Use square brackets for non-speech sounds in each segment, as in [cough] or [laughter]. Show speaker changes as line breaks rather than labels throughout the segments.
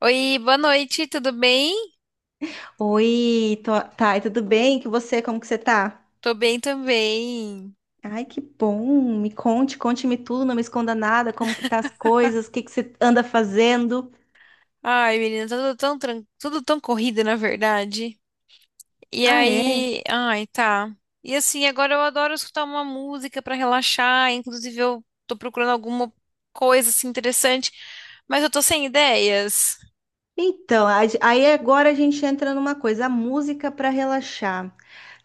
Oi, boa noite, tudo bem?
Oi, tô... tá, e tudo bem? Que você, como que você tá?
Tô bem também.
Ai, que bom. Me conte, conte-me tudo, não me esconda nada, como que tá as coisas, o que que você anda fazendo?
Ai, menina, tá tudo tão corrido, na verdade. E
Ah, é.
aí, ai, tá. E assim, agora eu adoro escutar uma música pra relaxar, inclusive eu tô procurando alguma coisa assim interessante, mas eu tô sem ideias.
Então, aí agora a gente entra numa coisa, a música pra relaxar.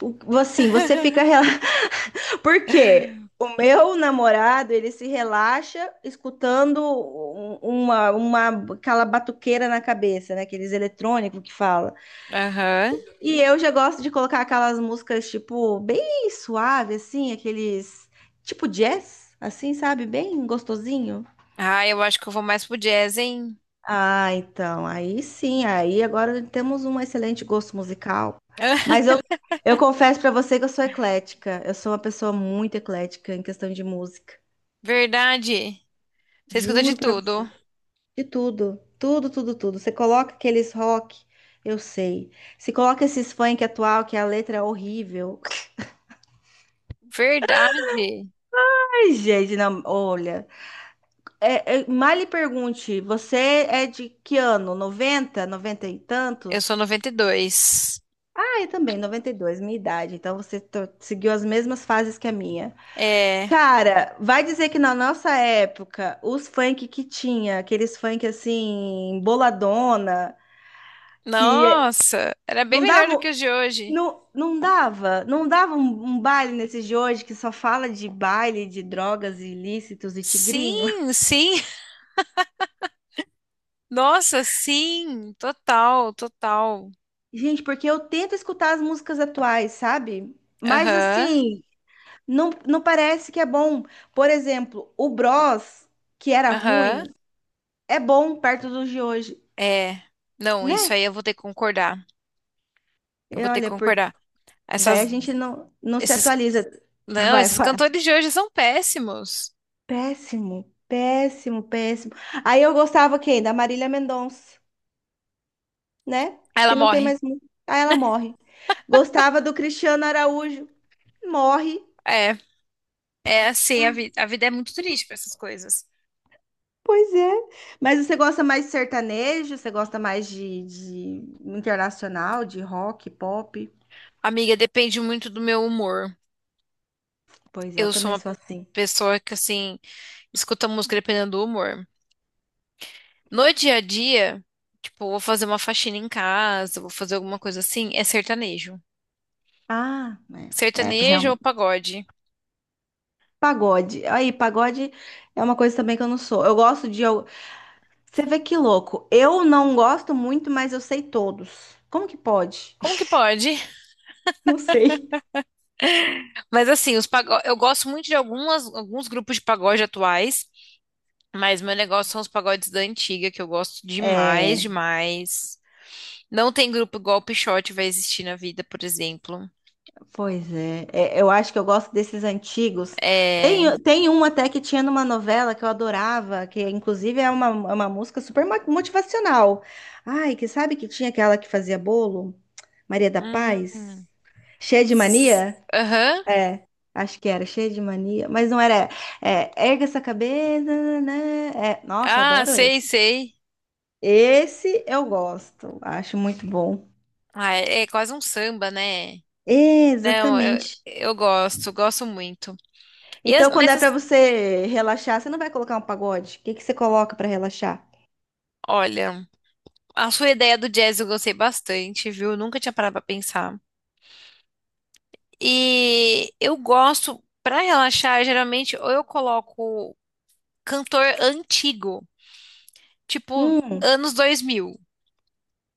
Assim, você fica rela...
[laughs]
[laughs] Por quê? O meu namorado, ele se relaxa escutando uma aquela batuqueira na cabeça, né? Aqueles eletrônicos que fala.
Aham.
E eu já gosto de colocar aquelas músicas, tipo, bem suave, assim, aqueles. Tipo jazz, assim, sabe? Bem gostosinho.
Ah, eu acho que eu vou mais pro jazz, hein?
Ah, então, aí sim, aí agora temos um excelente gosto musical. Mas
[laughs]
eu, eu confesso pra você que eu sou eclética. Eu sou uma pessoa muito eclética em questão de música.
Verdade. Você escuta de
Juro pra
tudo.
você de tudo. Tudo, tudo, tudo. Você coloca aqueles rock, eu sei. Se coloca esses funk atual, que a letra é horrível. [laughs]
Verdade.
Ai, gente, não, olha. Mal lhe pergunte, você é de que ano? 90, 90 e
Eu sou
tantos?
92.
Ah, eu também, 92 minha idade. Então você seguiu as mesmas fases que a minha.
É.
Cara, vai dizer que na nossa época, os funk que tinha, aqueles funk assim, boladona, que
Nossa, era bem
não
melhor do que
davam,
os de hoje.
não dava um baile nesses de hoje que só fala de baile, de drogas ilícitos e tigrinho.
Sim, sim. [laughs] Nossa, sim. Total, total.
Gente, porque eu tento escutar as músicas atuais, sabe? Mas
Aham,
assim, não parece que é bom. Por exemplo, o Bros, que era
aham.
ruim, é bom perto dos de hoje,
É. Não, isso
né?
aí eu vou ter que concordar. Eu
E
vou ter que
olha, por
concordar.
daí a
Essas,
gente não se
esses,
atualiza. [laughs]
não,
Vai,
Esses
vai.
cantores de hoje são péssimos.
Péssimo, péssimo, péssimo. Aí eu gostava quem? Da Marília Mendonça, né?
Ela
Que não tem
morre.
mais. Aí ela morre. Gostava do Cristiano Araújo, morre.
É, é assim, a vida é muito triste para essas coisas.
Pois é. Mas você gosta mais de sertanejo? Você gosta mais de internacional, de rock, pop?
Amiga, depende muito do meu humor.
Pois é, eu
Eu sou
também
uma
sou assim.
pessoa que, assim, escuta música dependendo do humor. No dia a dia, tipo, vou fazer uma faxina em casa, vou fazer alguma coisa assim, é sertanejo.
Ah, é, é
Sertanejo ou
realmente.
pagode?
Pagode. Aí, pagode é uma coisa também que eu não sou. Eu gosto de. Al- Você vê que louco. Eu não gosto muito, mas eu sei todos. Como que pode?
Como que
[laughs]
pode?
Não sei.
[laughs] Mas assim, os pago... eu gosto muito de alguns grupos de pagode atuais, mas meu negócio são os pagodes da antiga, que eu gosto demais,
É.
demais. Não tem grupo igual o Pixote vai existir na vida, por exemplo.
Pois é. É, eu acho que eu gosto desses antigos.
É.
Tem um até que tinha numa novela que eu adorava, que inclusive é uma música super motivacional. Ai, que sabe que tinha aquela que fazia bolo? Maria da
Hum.
Paz? Cheia de mania?
Aham.
É, acho que era cheia de mania, mas não era. É, erga essa cabeça, né? É, nossa, eu
Ah,
adoro
sei,
esse.
sei.
Esse eu gosto, acho muito bom.
Ah, é é quase um samba, né? Não, eu,
Exatamente.
eu gosto, gosto muito. E as-
Então, quando
mas,
é
as-
pra você relaxar, você não vai colocar um pagode? O que que você coloca pra relaxar?
Olha, a sua ideia do jazz eu gostei bastante, viu? Nunca tinha parado pra pensar. E eu gosto, pra relaxar, geralmente, ou eu coloco cantor antigo, tipo
Hum,
anos 2000,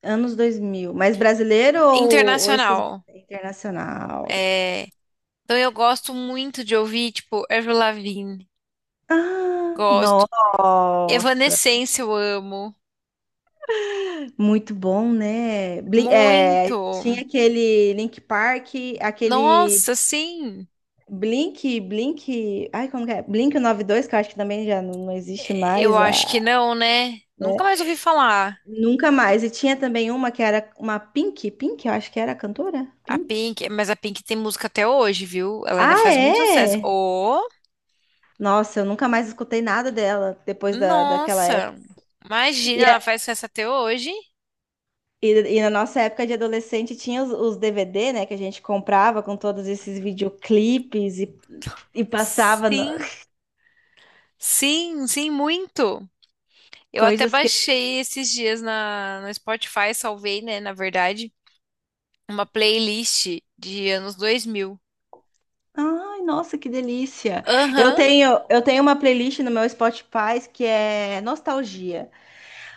anos 2000. Mas brasileiro ou esses
internacional.
internacional?
É, então eu gosto muito de ouvir, tipo, Avril Lavigne,
Ah,
gosto.
nossa,
Evanescence eu amo,
muito bom, né? É,
muito.
tinha aquele Link Park, aquele
Nossa, sim.
Ai, como que é? Blink 92, que eu acho que também já não existe
Eu
mais,
acho que
a,
não, né?
né?
Nunca mais ouvi falar.
Nunca mais. E tinha também uma que era uma eu acho que era a cantora,
A
Pink.
Pink, mas a Pink tem música até hoje, viu? Ela ainda
Ah,
faz muito sucesso.
é?
Oh,
Nossa, eu nunca mais escutei nada dela depois da, daquela
nossa!
época.
Imagina,
E,
ela
a-
faz sucesso até hoje?
e na nossa época de adolescente tinha os DVDs, né, que a gente comprava com todos esses videoclipes e, e passava.
Sim, sim, sim, muito.
[laughs]
Eu até
coisas que.
baixei esses dias no Spotify, salvei, né, na verdade, uma playlist de anos 2000.
Ai, nossa, que delícia! Eu
Aham.
tenho, eu tenho uma playlist no meu Spotify que é nostalgia.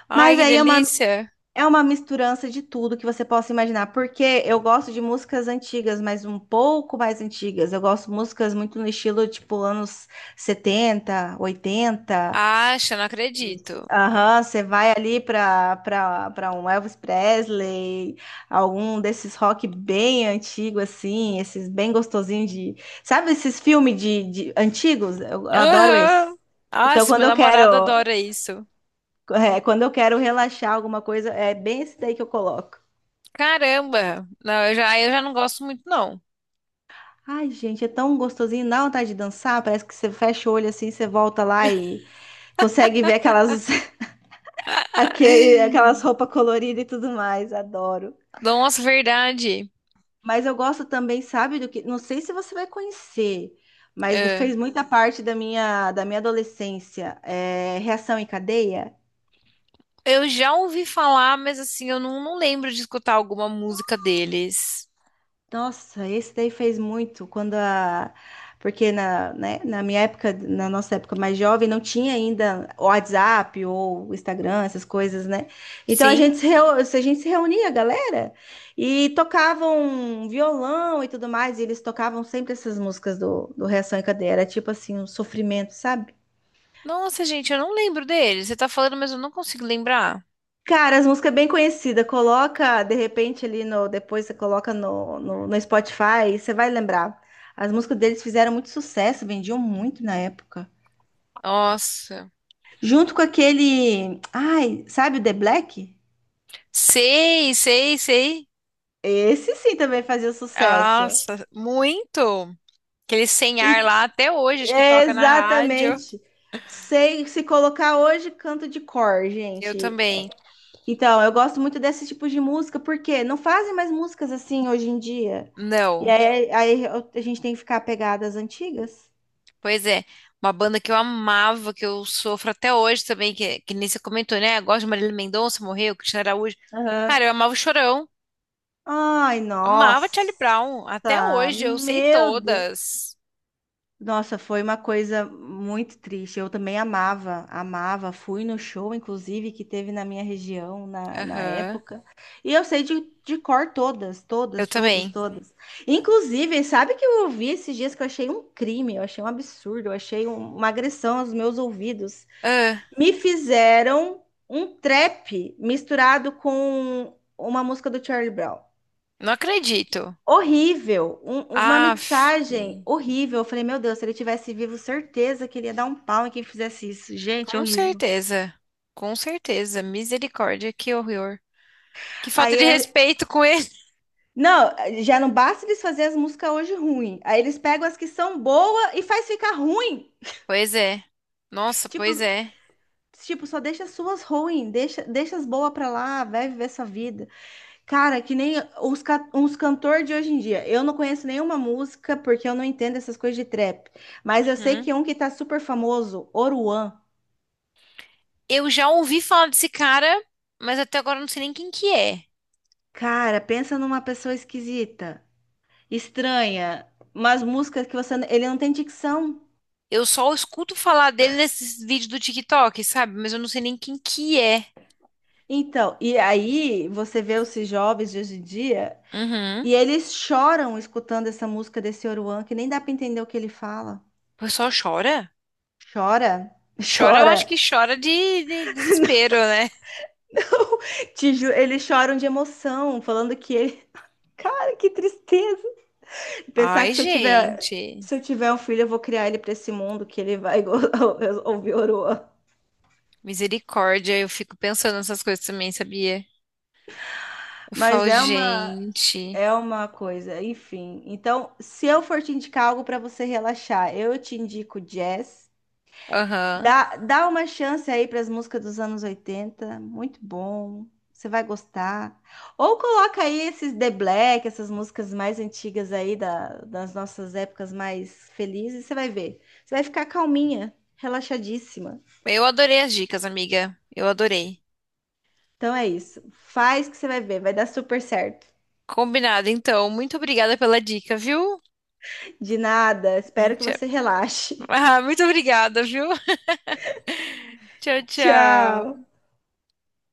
Ai,
Mas
que
aí é uma
delícia.
É uma misturança de tudo que você possa imaginar, porque eu gosto de músicas antigas, mas um pouco mais antigas. Eu gosto de músicas muito no estilo tipo anos 70, 80.
Acha, não acredito.
Aham, você vai ali para um Elvis Presley, algum desses rock bem antigo assim, esses bem gostosinhos de, sabe esses filmes de antigos? Eu adoro
Aham.
esses. Então
Nossa,
quando
meu
eu
namorado
quero,
adora isso.
quando eu quero relaxar alguma coisa, é bem esse daí que eu coloco.
Caramba! Não, eu já não gosto muito, não.
Ai, gente, é tão gostosinho, dá vontade de dançar. Parece que você fecha o olho assim, você volta lá e consegue ver aquelas, [laughs] aquelas
[laughs]
roupas coloridas e tudo mais. Adoro.
Nossa, verdade.
Mas eu gosto também, sabe, do que. Não sei se você vai conhecer, mas
É.
fez muita parte da minha adolescência. É, Reação em Cadeia.
Eu já ouvi falar, mas assim, eu não, não lembro de escutar alguma música deles.
Nossa, esse daí fez muito quando a. Porque na, né, na minha época, na nossa época mais jovem, não tinha ainda o WhatsApp ou o Instagram, essas coisas, né? Então
Sim?
a gente se reunia, galera, e tocavam violão e tudo mais, e eles tocavam sempre essas músicas do, do Reação em Cadeia. Era tipo assim, um sofrimento, sabe?
Nossa, gente, eu não lembro deles. Você tá falando, mas eu não consigo lembrar.
Cara, as músicas é bem conhecidas, coloca de repente ali no. Depois você coloca no Spotify, você vai lembrar. As músicas deles fizeram muito sucesso, vendiam muito na época.
Nossa.
Junto com aquele. Ai, sabe o The Black?
Sei, sei, sei.
Esse sim também fazia sucesso.
Nossa, muito. Aquele sem ar
E,
lá até hoje, acho que toca na rádio.
exatamente. Sei, se colocar hoje, canto de cor,
Eu
gente.
também.
Então, eu gosto muito desse tipo de música, porque não fazem mais músicas assim hoje em dia.
Não.
A gente tem que ficar apegado às antigas.
Pois é, uma banda que eu amava, que eu sofro até hoje também, que nem você comentou, né? Eu gosto de Marília Mendonça, morreu, Cristiano Araújo. Cara,
Aham.
eu amava o Chorão,
Ai,
amava Charlie
nossa,
Brown, até hoje eu sei
meu Deus.
todas.
Nossa, foi uma coisa muito triste. Eu também amava, amava. Fui no show, inclusive, que teve na minha região na, na
Aham,
época. E eu sei de cor todas,
eu
todas, todas,
também.
todas. Inclusive, sabe que eu ouvi esses dias que eu achei um crime, eu achei um absurdo, uma agressão aos meus ouvidos.
Ah,
Me fizeram um trap misturado com uma música do Charlie Brown.
não acredito.
Horrível, uma
Aff,
mixagem horrível. Eu falei, meu Deus, se ele tivesse vivo, certeza que ele ia dar um pau em quem fizesse isso. Gente,
com
horrível.
certeza, com certeza, misericórdia, que horror. Que falta
Aí
de
é...
respeito com ele.
Não, já não basta eles fazerem as músicas hoje ruim. Aí eles pegam as que são boas e faz ficar ruim.
Pois é, nossa,
Tipo,
pois é.
só deixa as suas ruins, deixa as boas pra lá, vai viver sua vida. Cara, que nem os, uns cantores de hoje em dia. Eu não conheço nenhuma música porque eu não entendo essas coisas de trap. Mas eu sei que um que tá super famoso, Oruan.
Eu já ouvi falar desse cara, mas até agora eu não sei nem quem que é.
Cara, pensa numa pessoa esquisita, estranha, umas músicas que você, ele não tem dicção.
Eu só escuto falar dele nesses vídeos do TikTok, sabe? Mas eu não sei nem quem que é.
Então, e aí você vê esses jovens de hoje em dia
Uhum.
e
O
eles choram escutando essa música desse Oruan, que nem dá pra entender o que ele fala.
pessoal chora?
Chora, [laughs]
Chora, eu
chora.
acho que chora de desespero, né?
[laughs] Eles choram de emoção, falando que ele, [laughs] cara, que tristeza. Pensar
Ai,
que se eu tiver
gente.
Se eu tiver um filho, eu vou criar ele pra esse mundo que ele vai [laughs] ouvir Oruan.
Misericórdia, eu fico pensando nessas coisas também, sabia? Eu
Mas
falo,
é uma,
gente.
É uma coisa, enfim. Então, se eu for te indicar algo para você relaxar, eu te indico jazz.
Aham.
Dá uma chance aí para as músicas dos anos 80, muito bom. Você vai gostar. Ou coloca aí esses The Black, essas músicas mais antigas das nossas épocas mais felizes, você vai ver. Você vai ficar calminha, relaxadíssima.
Eu adorei as dicas, amiga. Eu adorei.
Então é isso. Faz que você vai ver, vai dar super certo.
Combinado, então. Muito obrigada pela dica, viu?
De nada, espero que
[laughs]
você relaxe.
Ah, muito obrigada, viu? Tchau,
[laughs]
tchau.
Tchau.